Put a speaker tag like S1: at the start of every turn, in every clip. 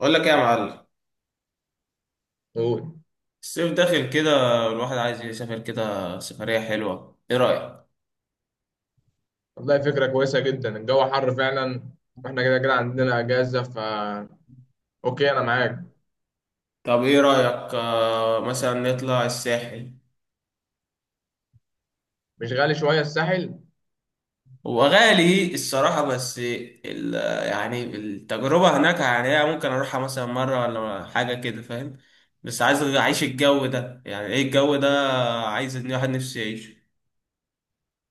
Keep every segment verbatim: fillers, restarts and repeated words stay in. S1: اقول لك ايه يا معلم؟
S2: قول.
S1: الصيف داخل كده، الواحد عايز يسافر كده سفرية حلوة، ايه رأيك؟
S2: والله فكرة كويسة جدا، الجو حر فعلا. واحنا كده كده عندنا اجازة فا اوكي انا معاك.
S1: طب ايه رأيك، آه مثلا نطلع الساحل؟
S2: مش غالي شوية الساحل؟
S1: هو غالي الصراحة، بس ال يعني التجربة هناك، يعني هي ممكن اروحها مثلا مرة ولا حاجة كده، فاهم؟ بس عايز اعيش الجو ده، يعني ايه الجو ده؟ عايز ان واحد نفسي يعيشه.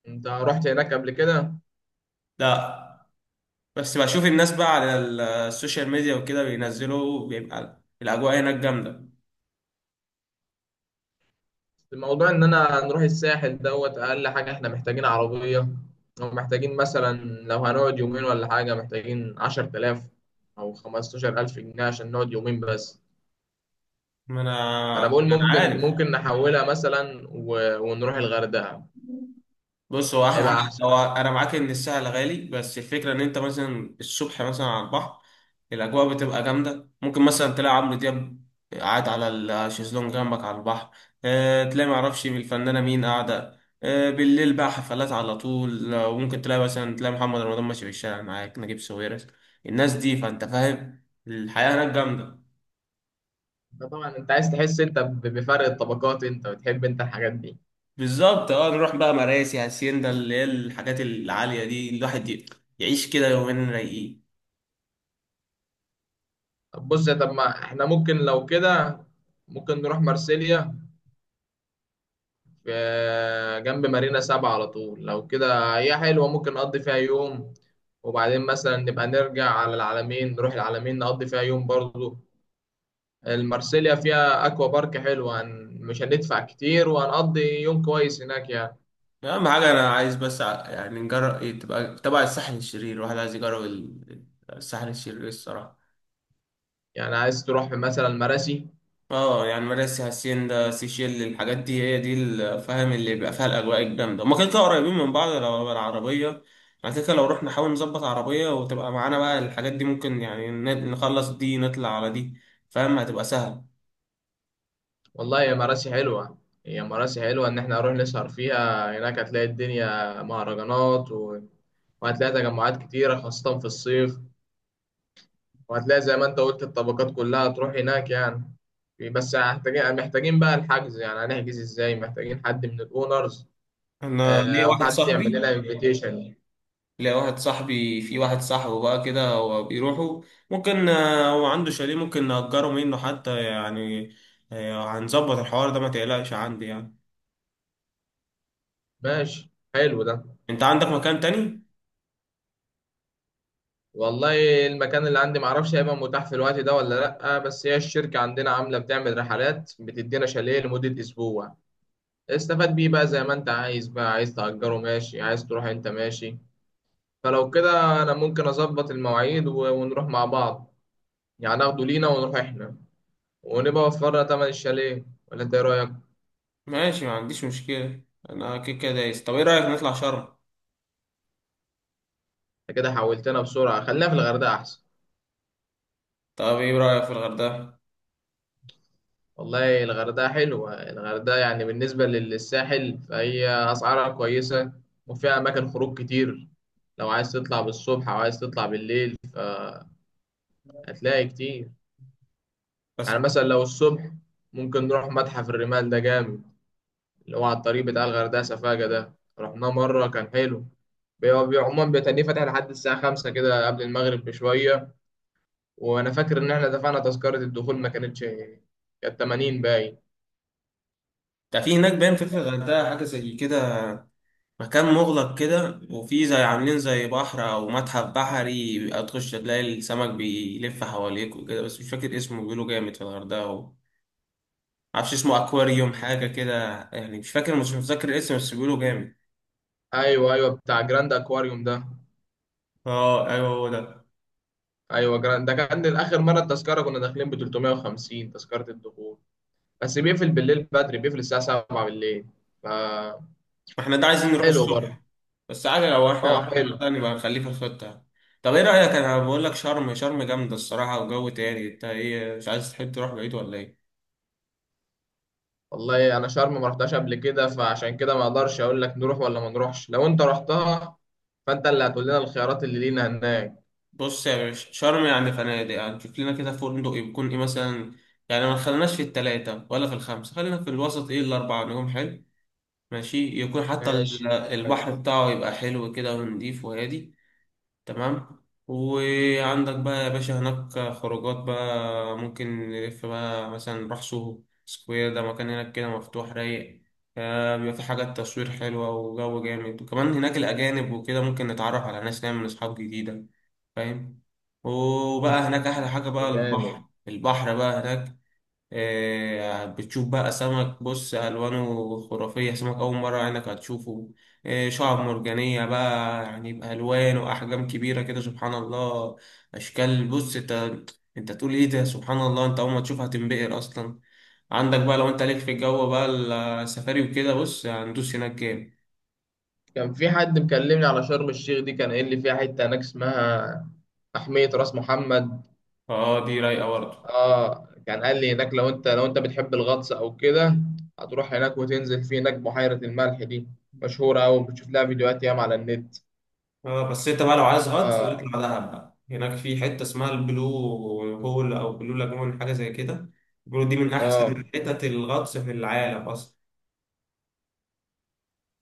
S2: انت رحت هناك قبل كده؟
S1: لا. بس بشوف الناس بقى على ال- السوشيال ميديا وكده بينزلوا، بيبقى الاجواء هناك جامدة.
S2: الموضوع ان انا نروح الساحل دوت اقل حاجة احنا محتاجين عربية، او محتاجين مثلا لو هنقعد يومين ولا حاجة محتاجين عشر تلاف او خمستاشر الف جنيه عشان نقعد يومين بس.
S1: ما انا
S2: انا بقول
S1: ما انا
S2: ممكن
S1: عارف.
S2: ممكن نحولها مثلا و... ونروح الغردقة،
S1: بص هو احلى حاجه.
S2: هيبقى احسن.
S1: هو انا معاك ان السهل غالي، بس الفكره ان انت مثلا الصبح مثلا على البحر، الاجواء بتبقى جامده، ممكن مثلا تلاقي عمرو دياب قاعد على الشيزلونج جنبك على البحر. اه تلاقي معرفش الفنانه مين قاعده، اه بالليل بقى حفلات على طول، آه، وممكن تلاقي مثلا تلاقي محمد رمضان ماشي في الشارع معاك نجيب ساويرس الناس دي، فانت فاهم الحياه هناك جامده.
S2: طبعا انت عايز تحس انت ب- بفرق الطبقات انت، وتحب انت الحاجات دي.
S1: بالظبط، اه نروح بقى مراسي هاسيندا اللي هي الحاجات العاليه دي، الواحد ي- يعيش كده يومين رايقين.
S2: طب بص يا- طب ما احنا ممكن لو كده ممكن نروح مارسيليا، في جنب مارينا سبعة على طول. لو كده هي حلوة، ممكن نقضي فيها يوم، وبعدين مثلا نبقى نرجع على العلمين، نروح العلمين نقضي فيها يوم برضو. المارسيليا فيها اكوا بارك حلوة، هن- مش هندفع كتير وهنقضي يوم كويس هناك يعني.
S1: اهم حاجه انا عايز بس ع- يعني نجرب إيه، تبقى تبع الساحل الشرير، الواحد عايز يجرب ال- الساحل الشرير، إيه الصراحه.
S2: يعني عايز تروح مثلا مراسي.
S1: اه يعني مراسي هاسيندا سيشيل الحاجات دي، هي دي الفهم اللي بيبقى فيها الاجواء الجامده، هما كده كده قريبين من بعض، لو العربيه بعد كده، لو رحنا نحاول نظبط عربيه وتبقى معانا بقى، الحاجات دي ممكن يعني ن- نخلص دي نطلع على دي، فاهم، هتبقى سهل.
S2: والله يا مراسي حلوة. هي مراسي حلوة، إن إحنا هنروح نسهر فيها هناك، هتلاقي الدنيا مهرجانات و... وهتلاقي تجمعات كتيرة خاصة في الصيف، وهتلاقي زي ما أنت قلت الطبقات كلها تروح هناك يعني. بس محتاجين محتاجين بقى الحجز، يعني هنحجز إزاي؟ محتاجين حد من الأونرز،
S1: انا
S2: آه،
S1: ليا
S2: أو
S1: واحد
S2: حد يعمل
S1: صاحبي.
S2: لنا انفيتيشن.
S1: لا، واحد صاحبي في واحد صاحبه بقى كده هو بيروحوا، ممكن، آه، هو عنده شاليه ممكن نأجره منه حتى يعني. آه، هنظبط الحوار ده، ما تقلقش عندي يعني.
S2: ماشي، حلو ده.
S1: انت عندك مكان تاني؟
S2: والله المكان اللي عندي معرفش هيبقى متاح في الوقت ده ولا لأ، بس هي الشركة عندنا عاملة، بتعمل رحلات بتدينا شاليه لمدة أسبوع. استفاد بيه بقى زي ما انت عايز، بقى عايز تأجره ماشي، عايز تروح انت ماشي. فلو كده انا ممكن اظبط المواعيد و- ونروح مع بعض، يعني ناخده لينا ونروح احنا، ونبقى وفرنا تمن الشاليه. ولا انت ايه رأيك؟
S1: ماشي، ما عنديش مشكلة. انا كده كده دايس، طب ايه رأيك نطلع شرم؟
S2: انت كده حولتنا بسرعة، خلينا في الغردقة احسن.
S1: طب ايه رأيك في الغردقة؟
S2: والله الغردقة حلوة. الغردقة يعني بالنسبة لل- للساحل فهي أسعارها كويسة، وفيها أماكن خروج كتير. لو عايز تطلع بالصبح أو عايز تطلع بالليل هتلاقي كتير. يعني
S1: بس
S2: مثلا لو الصبح، ممكن نروح متحف الرمال ده جامد، اللي هو على الطريق بتاع الغردقة سفاجة، ده رحناه مرة كان حلو. بيبقى بيبقى عموما بيتهيألي فاتح لحد الساعة خمسة كده قبل المغرب بشوية. وأنا فاكر إن إحنا دفعنا تذكرة الدخول ما كانتش، كانت تمانين باين.
S1: ده، في هناك باين، في في الغردقة حاجة زي كده، مكان مغلق كده وفي زي عاملين زي بحر أو متحف بحري، بيبقى تخش تلاقي السمك بيلف حواليك وكده، بس مش فاكر اسمه، بيقولوا جامد في الغردقة. معرفش اسمه، اكواريوم
S2: مم.
S1: حاجه كده. يعني مش فاكر، مش متذكر الاسم، بس بيقولوا جامد.
S2: أيوه أيوه، بتاع جراند أكواريوم ده.
S1: اه ايوه هو ده.
S2: أيوه جراند ده، كان آخر مرة التذكرة كنا داخلين ب تلتمية وخمسين، تذكرة الدخول. بس بيقفل بالليل بدري، بيقفل الساعة سبعة بالليل.
S1: احنا ده عايزين نروح
S2: فحلو برضه.
S1: الصبح. بس عادي، لو احنا
S2: أه
S1: رحنا
S2: حلو.
S1: الغردقة نبقى نخليه في الخطه. طب ايه رايك، انا بقول لك شرم، شرم جامده الصراحه وجو تاني، انت ايه، مش عايز تحب تروح بعيد ولا ايه؟
S2: والله انا شرم ما رحتهاش قبل كده، فعشان كده ما اقدرش اقول لك نروح ولا ما نروحش. لو انت رحتها، فانت اللي هتقول لنا الخيارات اللي لينا هناك.
S1: بص يا باشا، شرم يعني فنادق، يعني شوف لنا كده فندق يكون ايه مثلا، يعني ما خليناش في التلاتة ولا في الخمسة، خلينا في الوسط، ايه الأربعة نجوم حلو، ماشي، يكون حتى ال-
S2: ماشي،
S1: البحر
S2: كويس.
S1: بتاعه يبقى حلو كده ونضيف وهادي. تمام. وعندك بقى يا باشا هناك خروجات بقى، ممكن نلف بقى مثلا نروح سوهو سكوير، ده مكان هناك كده مفتوح رايق، آه، بيبقى في حاجات تصوير حلوة وجو جامد، وكمان هناك الأجانب وكده ممكن نتعرف على ناس نعمل أصحاب جديدة، فاهم. وبقى هناك أحلى
S2: مم،
S1: حاجة بقى البحر،
S2: جامد.
S1: البحر بقى هناك. آه، بتشوف بقى سمك، بص ألوانه خرافية، سمك أول مرة عينك هتشوفه. آه، شعاب مرجانية بقى يعني بألوان وأحجام كبيرة كده، سبحان الله، أشكال، بص أنت أنت تقول إيه ده، سبحان الله، أنت أول ما تشوفها هتنبهر أصلا. عندك بقى لو أنت ليك في الجو بقى السفاري وكده، بص هندوس هناك جامد.
S2: كان في حد مكلمني على شرم الشيخ دي، كان قايل لي فيها حته هناك اسمها محمية راس محمد.
S1: أه دي رايقة برضه.
S2: اه كان قال لي هناك لو انت، لو انت بتحب الغطس او كده، هتروح هناك وتنزل في هناك بحيرة الملح دي، مشهورة أوي، بتشوف لها فيديوهات ياما على النت.
S1: اه بس انت بقى لو عايز غطس
S2: اه.
S1: بتطلع دهب بقى، هناك في حته اسمها البلو هول او بلو لاجون حاجه زي كده، بيقولوا دي من
S2: اه
S1: احسن حتت الغطس في العالم اصلا.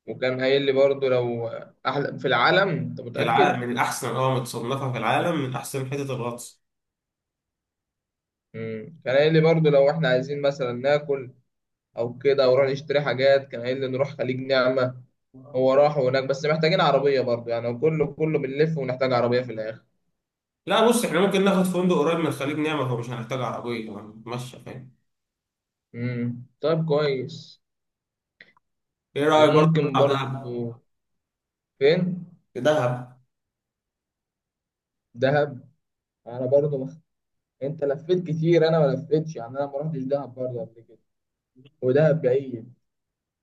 S2: وكان قايل لي برضو لو، أحلى في العالم أنت
S1: في العالم
S2: متأكد؟
S1: من احسن، اه متصنفه في العالم من احسن حتت الغطس.
S2: مم. كان قايل لي برضو لو إحنا عايزين مثلا ناكل أو كده، أو نروح نشتري حاجات، كان قايل لي نروح خليج نعمة. هو راح هناك، بس محتاجين عربية برضو، يعني هو كله كله بنلف ونحتاج عربية في الآخر.
S1: لا بص احنا ممكن ناخد فندق قريب من خليج نعمة، فمش هنحتاج عربيه يعني، ماشي فاهم.
S2: مم. طيب كويس.
S1: ايه رايك برضه
S2: وممكن
S1: نطلع دهب؟
S2: برضو. فين؟
S1: دهب.
S2: دهب. أنا برضو مخ... أنت لفيت كتير، أنا ما لفيتش، يعني أنا ما رحتش دهب برضو قبل كده، ودهب بعيد.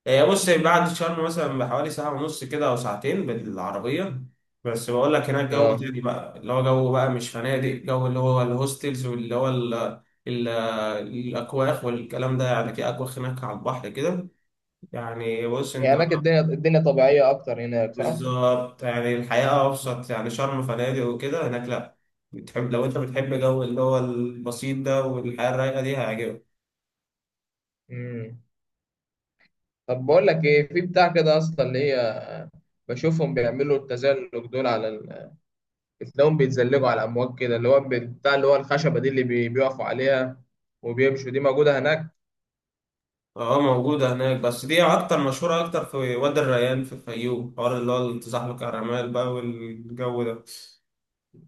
S1: هي بص بعد شرم مثلا بحوالي ساعة ونص كده أو ساعتين بالعربية، بس بقول لك هناك جو
S2: اه
S1: تاني بقى، اللي هو جو بقى مش فنادق، جو اللي هو الهوستلز، واللي هو ال ال الأكواخ والكلام ده، يعني في أكواخ هناك على البحر كده، يعني بص أنت.
S2: يعني هناك الدنيا الدنيا طبيعية أكتر هناك صح؟
S1: بالظبط، يعني الحياة أبسط، يعني شرم فنادق وكده، هناك لأ، بتحب لو أنت بتحب جو اللي هو البسيط ده والحياة الرايقة دي هيعجبك.
S2: مم. طب بقول لك ايه، في بتاع كده اصلا اللي هي، بشوفهم بيعملوا التزلج دول على ال... بتلاقيهم بيتزلجوا على امواج كده، اللي هو بتاع اللي هو الخشبه دي، اللي بي... بيقفوا عليها وبيمشوا. دي موجوده هناك؟
S1: اه موجودة هناك، بس دي أكتر مشهورة أكتر في وادي الريان في الفيوم حوار، اللي هو التزحلق على الرمال بقى والجو ده.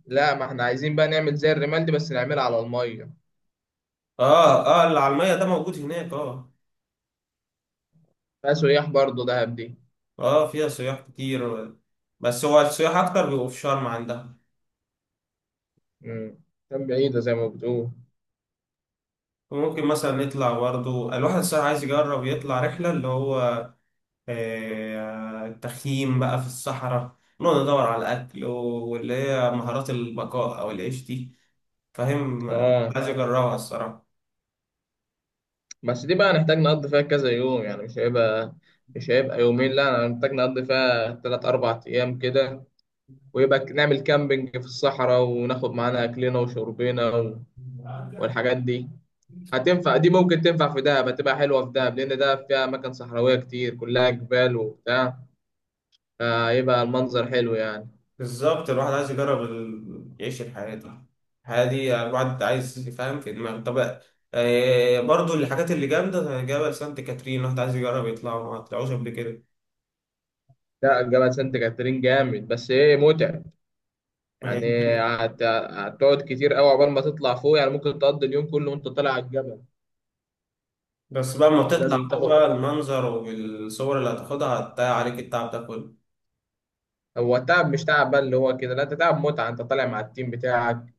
S2: لا ما احنا عايزين بقى نعمل زي الرمال دي، بس نعملها على الميه.
S1: اه، اه اللي على المية ده موجود هناك، اه.
S2: فيها سياح برضه دهب دي؟
S1: اه فيها سياح كتير، بس هو السياح أكتر بيبقوا في شرم عندها.
S2: امم، كان بعيده زي ما بتقول.
S1: وممكن مثلا نطلع برضه، الواحد الصراحة عايز يجرب يطلع رحلة اللي هو آه التخييم بقى في الصحراء، نقعد ندور على الأكل واللي هي مهارات البقاء أو العيش دي، فاهم،
S2: اه
S1: عايز أجربها.
S2: بس دي بقى هنحتاج نقضي فيها كذا يوم، يعني مش هيبقى، مش هيبقى يومين، لا هنحتاج نقضي فيها تلات أربع أيام كده، ويبقى نعمل كامبينج في الصحراء، وناخد معانا أكلنا وشربنا و-
S1: الصراحة
S2: والحاجات دي. هتنفع دي، ممكن تنفع في دهب، هتبقى حلوة في دهب، لأن دهب فيها أماكن صحراوية كتير، كلها جبال وبتاع، فيبقى المنظر حلو يعني.
S1: بالظبط، الواحد عايز يجرب ال... يعيش الحياة دي، الحياة دي الواحد عايز يفهم في دماغه. طب، آه، برضو الحاجات اللي جامدة زي جبل سانت كاترين، الواحد عايز يجرب يطلعه، ما طلعوش قبل كده.
S2: لا جبل سانت كاترين جامد، بس إيه متعب.
S1: ما هي
S2: يعني
S1: دي الفكرة.
S2: هت- هتقعد كتير أوي عقبال ما تطلع فوق، يعني ممكن تقضي اليوم كله وأنت طالع على الجبل.
S1: بس بقى ما تطلع
S2: لازم
S1: فوق
S2: تاخد.
S1: بقى، المنظر والصور اللي هتاخدها هتضيع عليك التعب ده كله.
S2: هو تعب مش تعب بقى اللي هو كده، لا انت تعب متعة، انت طالع مع التيم بتاعك.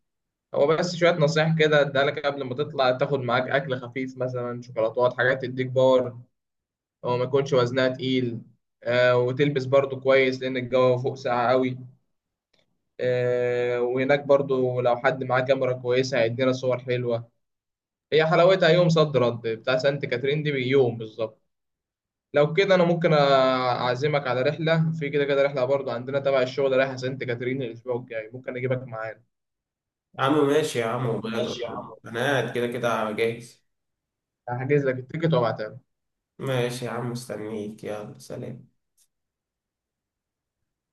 S2: هو بس شوية نصايح كده اديها لك قبل ما تطلع، تاخد معاك أكل خفيف مثلا شوكولاتات، حاجات تديك باور، أو ما يكونش وزنها تقيل. آه، وتلبس برضو كويس لأن الجو فوق ساقع قوي. آه، وهناك برضو لو حد معاه كاميرا كويسة هيدينا صور حلوة. هي حلاوتها يوم صد رد بتاع سانت كاترين دي بيوم بالظبط. لو كده أنا ممكن أعزمك على رحلة، في كده كده رحلة برضو عندنا تبع الشغل رايحة سانت كاترين الأسبوع الجاي، ممكن أجيبك معانا.
S1: يا عم ماشي يا عم وماله.
S2: ماشي يا عم.
S1: أنا قاعد كده كده جاهز.
S2: هحجز لك التيكت وأبعتها لك.
S1: ماشي يا عم، مستنيك، يلا سلام.